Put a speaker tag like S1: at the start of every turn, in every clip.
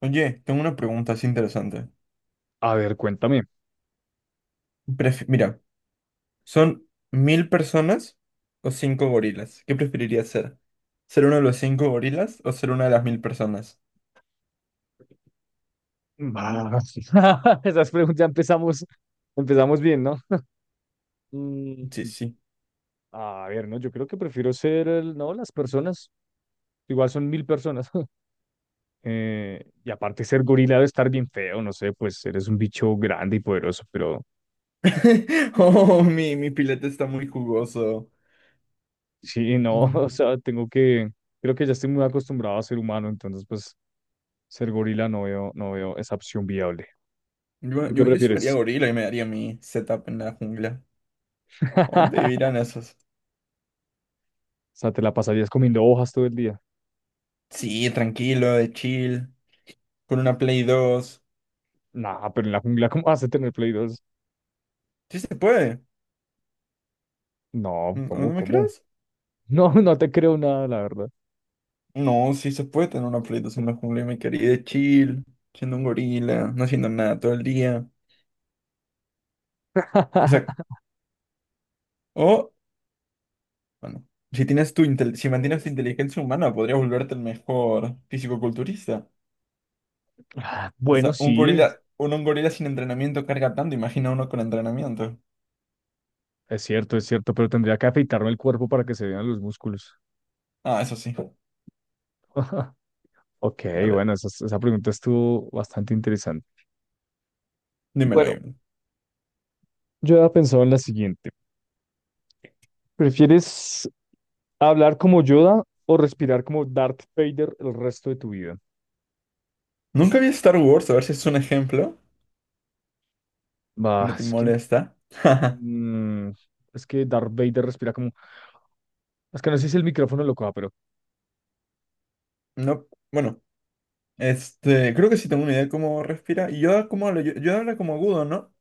S1: Oye, tengo una pregunta así interesante.
S2: A ver, cuéntame.
S1: Mira, ¿son 1.000 personas o cinco gorilas? ¿Qué preferirías ser? ¿Ser uno de los cinco gorilas o ser una de las 1.000 personas?
S2: Bah, esas preguntas, ya empezamos bien, ¿no?
S1: Sí,
S2: Mm,
S1: sí.
S2: a ver, no, yo creo que prefiero ser el, no, las personas. Igual son 1000 personas. Y aparte ser gorila debe estar bien feo, no sé, pues eres un bicho grande y poderoso, pero
S1: Oh, mi pilete está muy jugoso.
S2: sí, no,
S1: No.
S2: o sea, tengo que, creo que ya estoy muy acostumbrado a ser humano, entonces pues ser gorila no veo, no veo esa opción viable.
S1: Yo,
S2: ¿Tú qué
S1: yo, yo sí me haría
S2: prefieres?
S1: gorila y me daría mi setup en la jungla. ¿A ¿Dónde vivirán esos?
S2: O sea, te la pasarías comiendo hojas todo el día.
S1: Sí, tranquilo, de chill, con una Play 2.
S2: Nah, pero en la jungla, ¿cómo vas a tener Play dos?
S1: Sí se puede.
S2: No,
S1: ¿No
S2: ¿cómo,
S1: me
S2: cómo?
S1: crees?
S2: No, no te creo nada, la verdad.
S1: No, sí se puede tener una Play 2 en la jungla, mi querida, chill, siendo un gorila, no haciendo nada todo el día. Exacto. O, bueno, si mantienes tu inteligencia humana, podrías volverte el mejor fisicoculturista.
S2: Ah,
S1: O
S2: bueno,
S1: sea, un
S2: sí,
S1: gorila, un gorila sin entrenamiento carga tanto, imagina uno con entrenamiento.
S2: es cierto, pero tendría que afeitarme el cuerpo para que se vean los músculos.
S1: Ah, eso sí.
S2: Ok,
S1: A ver,
S2: bueno, esa pregunta estuvo bastante interesante.
S1: dímelo,
S2: Bueno,
S1: dímelo.
S2: yo había pensado en la siguiente. ¿Prefieres hablar como Yoda o respirar como Darth Vader el resto de tu vida?
S1: Nunca vi Star Wars, a ver si es un ejemplo, si no
S2: Bah,
S1: te
S2: es que…
S1: molesta.
S2: Mm, es que Darth Vader respira como... Es que no sé si el micrófono lo coja, pero
S1: No, bueno, creo que sí tengo una idea de cómo respira. Y yo como hablo, yo, Yoda habla como agudo, ¿no?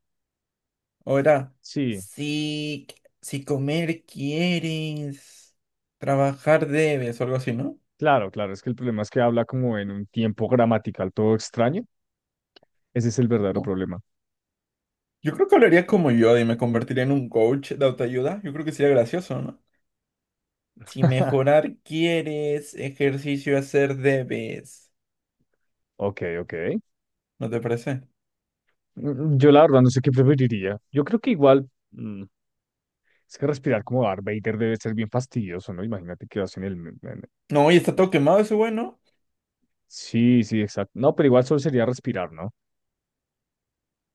S1: Ahora,
S2: sí,
S1: si, si comer quieres, trabajar debes o algo así, ¿no?
S2: claro, claro. Es que el problema es que habla como en un tiempo gramatical todo extraño. Ese es el verdadero
S1: Oh.
S2: problema.
S1: Yo creo que hablaría como yo y me convertiría en un coach de autoayuda. Yo creo que sería gracioso, ¿no? Si mejorar quieres, ejercicio hacer debes.
S2: Ok, ok.
S1: ¿No te parece?
S2: Yo la verdad no sé qué preferiría. Yo creo que igual... es que respirar como Darth Vader debe ser bien fastidioso, ¿no? Imagínate que vas en el... en-
S1: No, y está todo quemado ese güey, ¿no?
S2: Sí, sí, exacto. No, pero igual solo sería respirar, ¿no?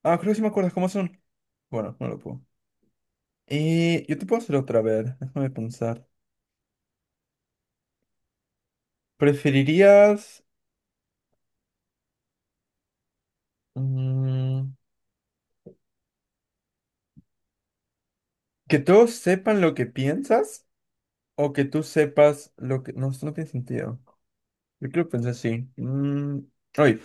S1: Ah, creo que sí me acuerdas cómo son. Bueno, no lo puedo. Yo te puedo hacer otra vez. Déjame pensar. ¿Preferirías mm, que todos sepan lo que piensas? O que tú sepas lo que... No, esto no tiene sentido. Yo creo que pensé así. Oye,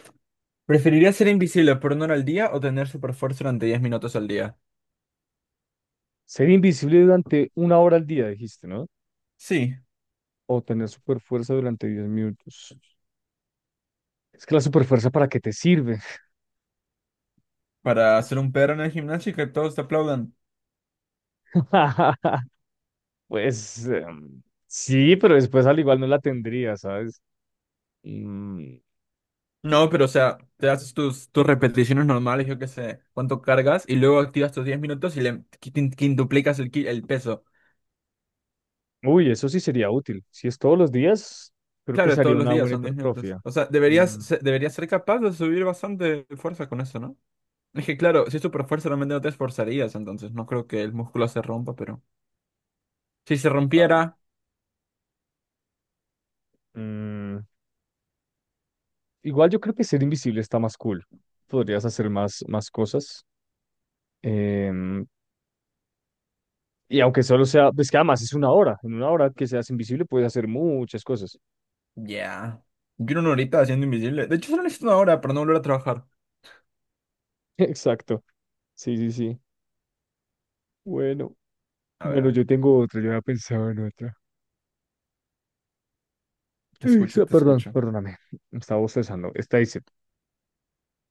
S1: ¿preferirías ser invisible por una hora al día o tener super fuerza durante 10 minutos al día?
S2: ¿Ser invisible durante 1 hora al día, dijiste, ¿no?
S1: Sí,
S2: O tener super fuerza durante 10 minutos. Es que la superfuerza, ¿para qué te sirve?
S1: para hacer un perro en el gimnasio y que todos te aplaudan.
S2: Pues sí, pero después al igual no la tendría, ¿sabes? Mm,
S1: No, pero o sea, te haces tus repeticiones normales, yo qué sé, cuánto cargas y luego activas tus 10 minutos y le quintuplicas el peso.
S2: uy, eso sí sería útil. Si es todos los días, creo que
S1: Claro, todos
S2: sería
S1: los
S2: una
S1: días
S2: buena
S1: son 10 minutos.
S2: hipertrofia.
S1: O sea,
S2: Mm,
S1: deberías ser capaz de subir bastante fuerza con eso, no. Es que claro, si es super fuerza realmente no te esforzarías, entonces no creo que el músculo se rompa, pero si se
S2: claro.
S1: rompiera,
S2: Mm, igual yo creo que ser invisible está más cool. Podrías hacer más cosas. Em, y aunque solo sea, pues que además es 1 hora. En 1 hora que seas invisible puedes hacer muchas cosas.
S1: ya. Yo una horita haciendo invisible. De hecho, solo necesito una hora para no volver a trabajar.
S2: Exacto. Sí, sí, sí. Bueno,
S1: A ver, a
S2: bueno, yo
S1: ver.
S2: tengo otra, yo había pensado en otra.
S1: Te escucho, te
S2: Perdón,
S1: escucho.
S2: perdóname, estaba bostezando. Esta dice,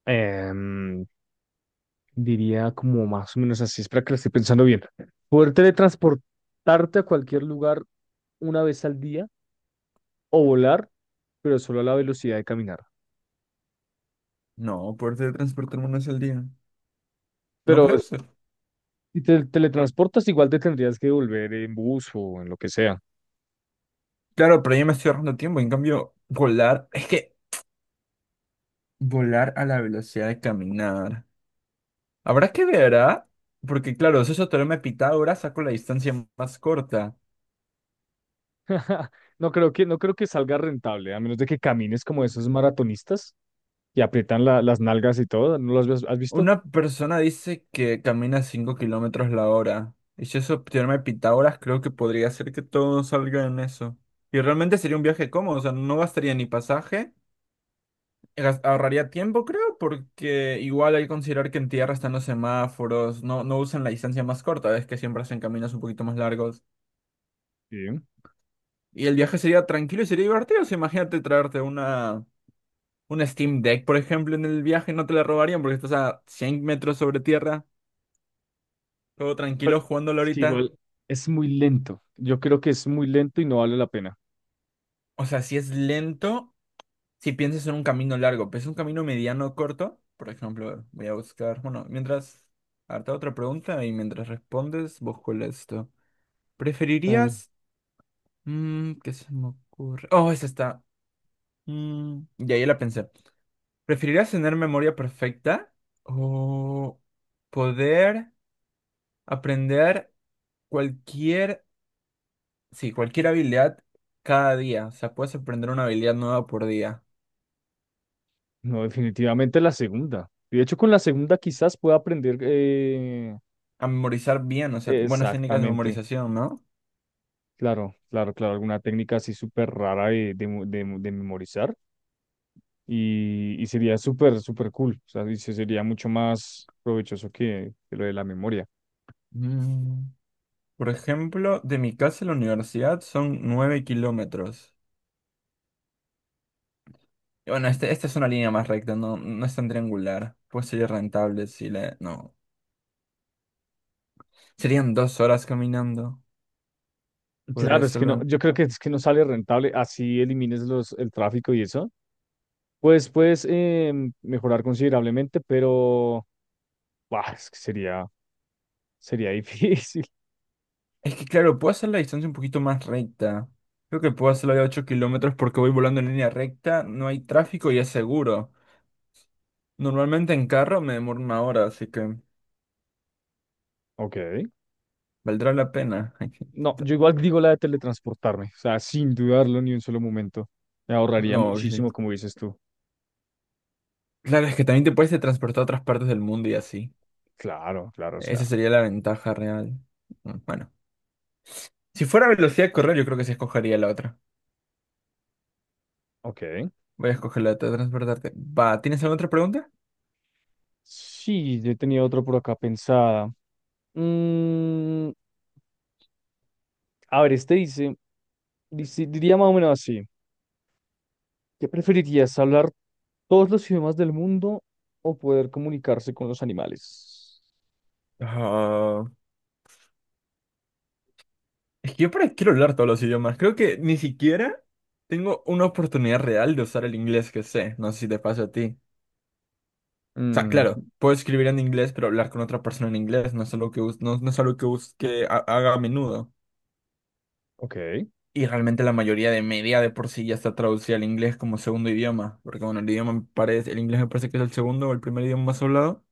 S2: em, diría como más o menos así, espera que la estoy pensando bien. Poder teletransportarte a cualquier lugar 1 vez al día o volar, pero solo a la velocidad de caminar.
S1: No, poder teletransportarme una vez al día. ¿No
S2: Pero
S1: crees?
S2: es- si te teletransportas, igual te tendrías que volver en bus o en lo que sea.
S1: Claro, pero yo me estoy ahorrando tiempo. En cambio, volar, es que volar a la velocidad de caminar. Habrá que ver, ¿ah? Porque claro, si eso teorema de Pitágoras, saco la distancia más corta.
S2: No creo que, no creo que salga rentable, a menos de que camines como esos maratonistas que aprietan las nalgas y todo. ¿No lo has, has visto?
S1: Una persona dice que camina 5 kilómetros la hora. Y si eso teorema de Pitágoras, creo que podría ser que todo salga en eso. Y realmente sería un viaje cómodo, o sea, no gastaría ni pasaje, ahorraría tiempo, creo, porque igual hay que considerar que en tierra están los semáforos, no, no usan la distancia más corta, es que siempre hacen caminos un poquito más largos.
S2: Sí.
S1: Y el viaje sería tranquilo y sería divertido. O sea, imagínate traerte una Steam Deck, por ejemplo, en el viaje, no te la robarían porque estás a 100 metros sobre tierra, todo tranquilo jugándolo
S2: Es que
S1: ahorita.
S2: igual es muy lento. Yo creo que es muy lento y no vale la pena.
S1: O sea, si es lento, si piensas en un camino largo, pero es un camino mediano corto, por ejemplo, voy a buscar, bueno, mientras, harta otra pregunta y mientras respondes, busco el esto.
S2: Dale.
S1: ¿Preferirías, qué se me ocurre? Oh, esa está. Ya, ya la pensé. ¿Preferirías tener memoria perfecta o poder aprender cualquier, sí, cualquier habilidad cada día? O sea, puedes aprender una habilidad nueva por día.
S2: No, definitivamente la segunda. De hecho, con la segunda quizás pueda aprender
S1: A memorizar bien, o sea, buenas técnicas de
S2: exactamente.
S1: memorización, ¿no?
S2: Claro, claro, claro. Alguna técnica así súper rara de, de memorizar. Y sería súper, súper cool. O sea, dice, sería mucho más provechoso que lo de la memoria.
S1: Mm, Por ejemplo, de mi casa a la universidad son 9 kilómetros. Y bueno, esta es una línea más recta, no, no es tan triangular. Pues sería rentable si le... No. Serían 2 horas caminando. Podría
S2: Claro, es que
S1: hacerlo
S2: no,
S1: en-
S2: yo creo que es que no sale rentable. Así elimines los, el tráfico y eso. Pues puedes mejorar considerablemente, pero. Buah, es que sería, sería difícil.
S1: Es que claro, puedo hacer la distancia un poquito más recta. Creo que puedo hacerlo de 8 kilómetros porque voy volando en línea recta, no hay tráfico y es seguro. Normalmente en carro me demoro una hora, así que
S2: Ok.
S1: valdrá la pena.
S2: No, yo igual digo la de teletransportarme, o sea, sin dudarlo ni un solo momento. Me ahorraría
S1: No, ok.
S2: muchísimo, como dices tú.
S1: Claro, es que también te puedes teletransportar a otras partes del mundo y así.
S2: Claro, claro, o sea,
S1: Esa sería la ventaja real. Bueno, si fuera velocidad de correr, yo creo que se escogería la otra.
S2: ok.
S1: Voy a escoger la de teletransportarte. Va, ¿tienes alguna otra pregunta?
S2: Sí, yo tenía otro por acá pensada. Mm, a ver, este dice, diría más o menos así. ¿Qué preferirías, hablar todos los idiomas del mundo o poder comunicarse con los animales?
S1: Ah, es que yo para qué quiero hablar todos los idiomas. Creo que ni siquiera tengo una oportunidad real de usar el inglés que sé. No sé si te pasa a ti. O sea,
S2: Mm,
S1: claro, puedo escribir en inglés, pero hablar con otra persona en inglés no es algo que, no, no es algo que, haga a menudo.
S2: ok,
S1: Y realmente la mayoría de media de por sí ya está traducida al inglés como segundo idioma, porque bueno, el idioma me parece, el inglés me parece que es el segundo o el primer idioma más hablado,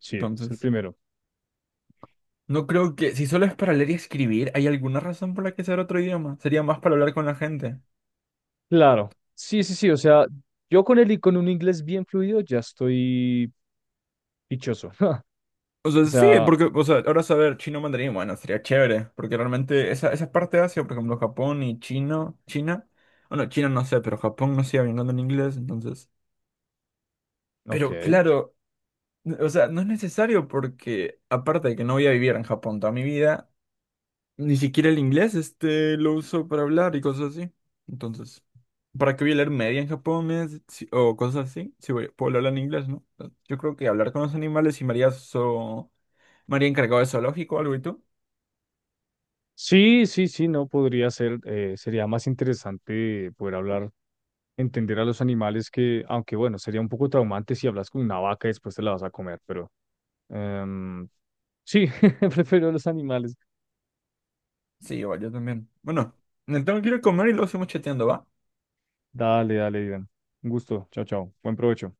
S2: sí, es el
S1: entonces
S2: primero.
S1: no creo que, si solo es para leer y escribir, ¿hay alguna razón por la que sea otro idioma? Sería más para hablar con la gente.
S2: Claro, sí, sí, sí, o sea, yo con el, con un inglés bien fluido ya estoy dichoso.
S1: O sea,
S2: O
S1: sí,
S2: sea,
S1: porque, o sea, ahora saber chino mandarín, bueno, sería chévere, porque realmente esa, esa parte de Asia, por ejemplo, Japón y chino, China, bueno, China no sé, pero Japón no sigue hablando en inglés, entonces... Pero
S2: ok.
S1: claro, o sea, no es necesario porque, aparte de que no voy a vivir en Japón toda mi vida, ni siquiera el inglés este lo uso para hablar y cosas así. Entonces, ¿para qué voy a leer media en japonés o cosas así? Si voy- puedo hablar en inglés, ¿no? Entonces, yo creo que hablar con los animales y María encargado de zoológico o algo y tú.
S2: Sí, sí, sí, no podría ser, sería más interesante poder hablar, entender a los animales que, aunque bueno, sería un poco traumante si hablas con una vaca y después te la vas a comer, pero em, sí, prefiero los animales.
S1: Sí, igual, yo también. Bueno, me tengo que ir a comer y luego seguimos chateando, ¿va?
S2: Dale, dale, Iván. Un gusto, chao, chao, buen provecho.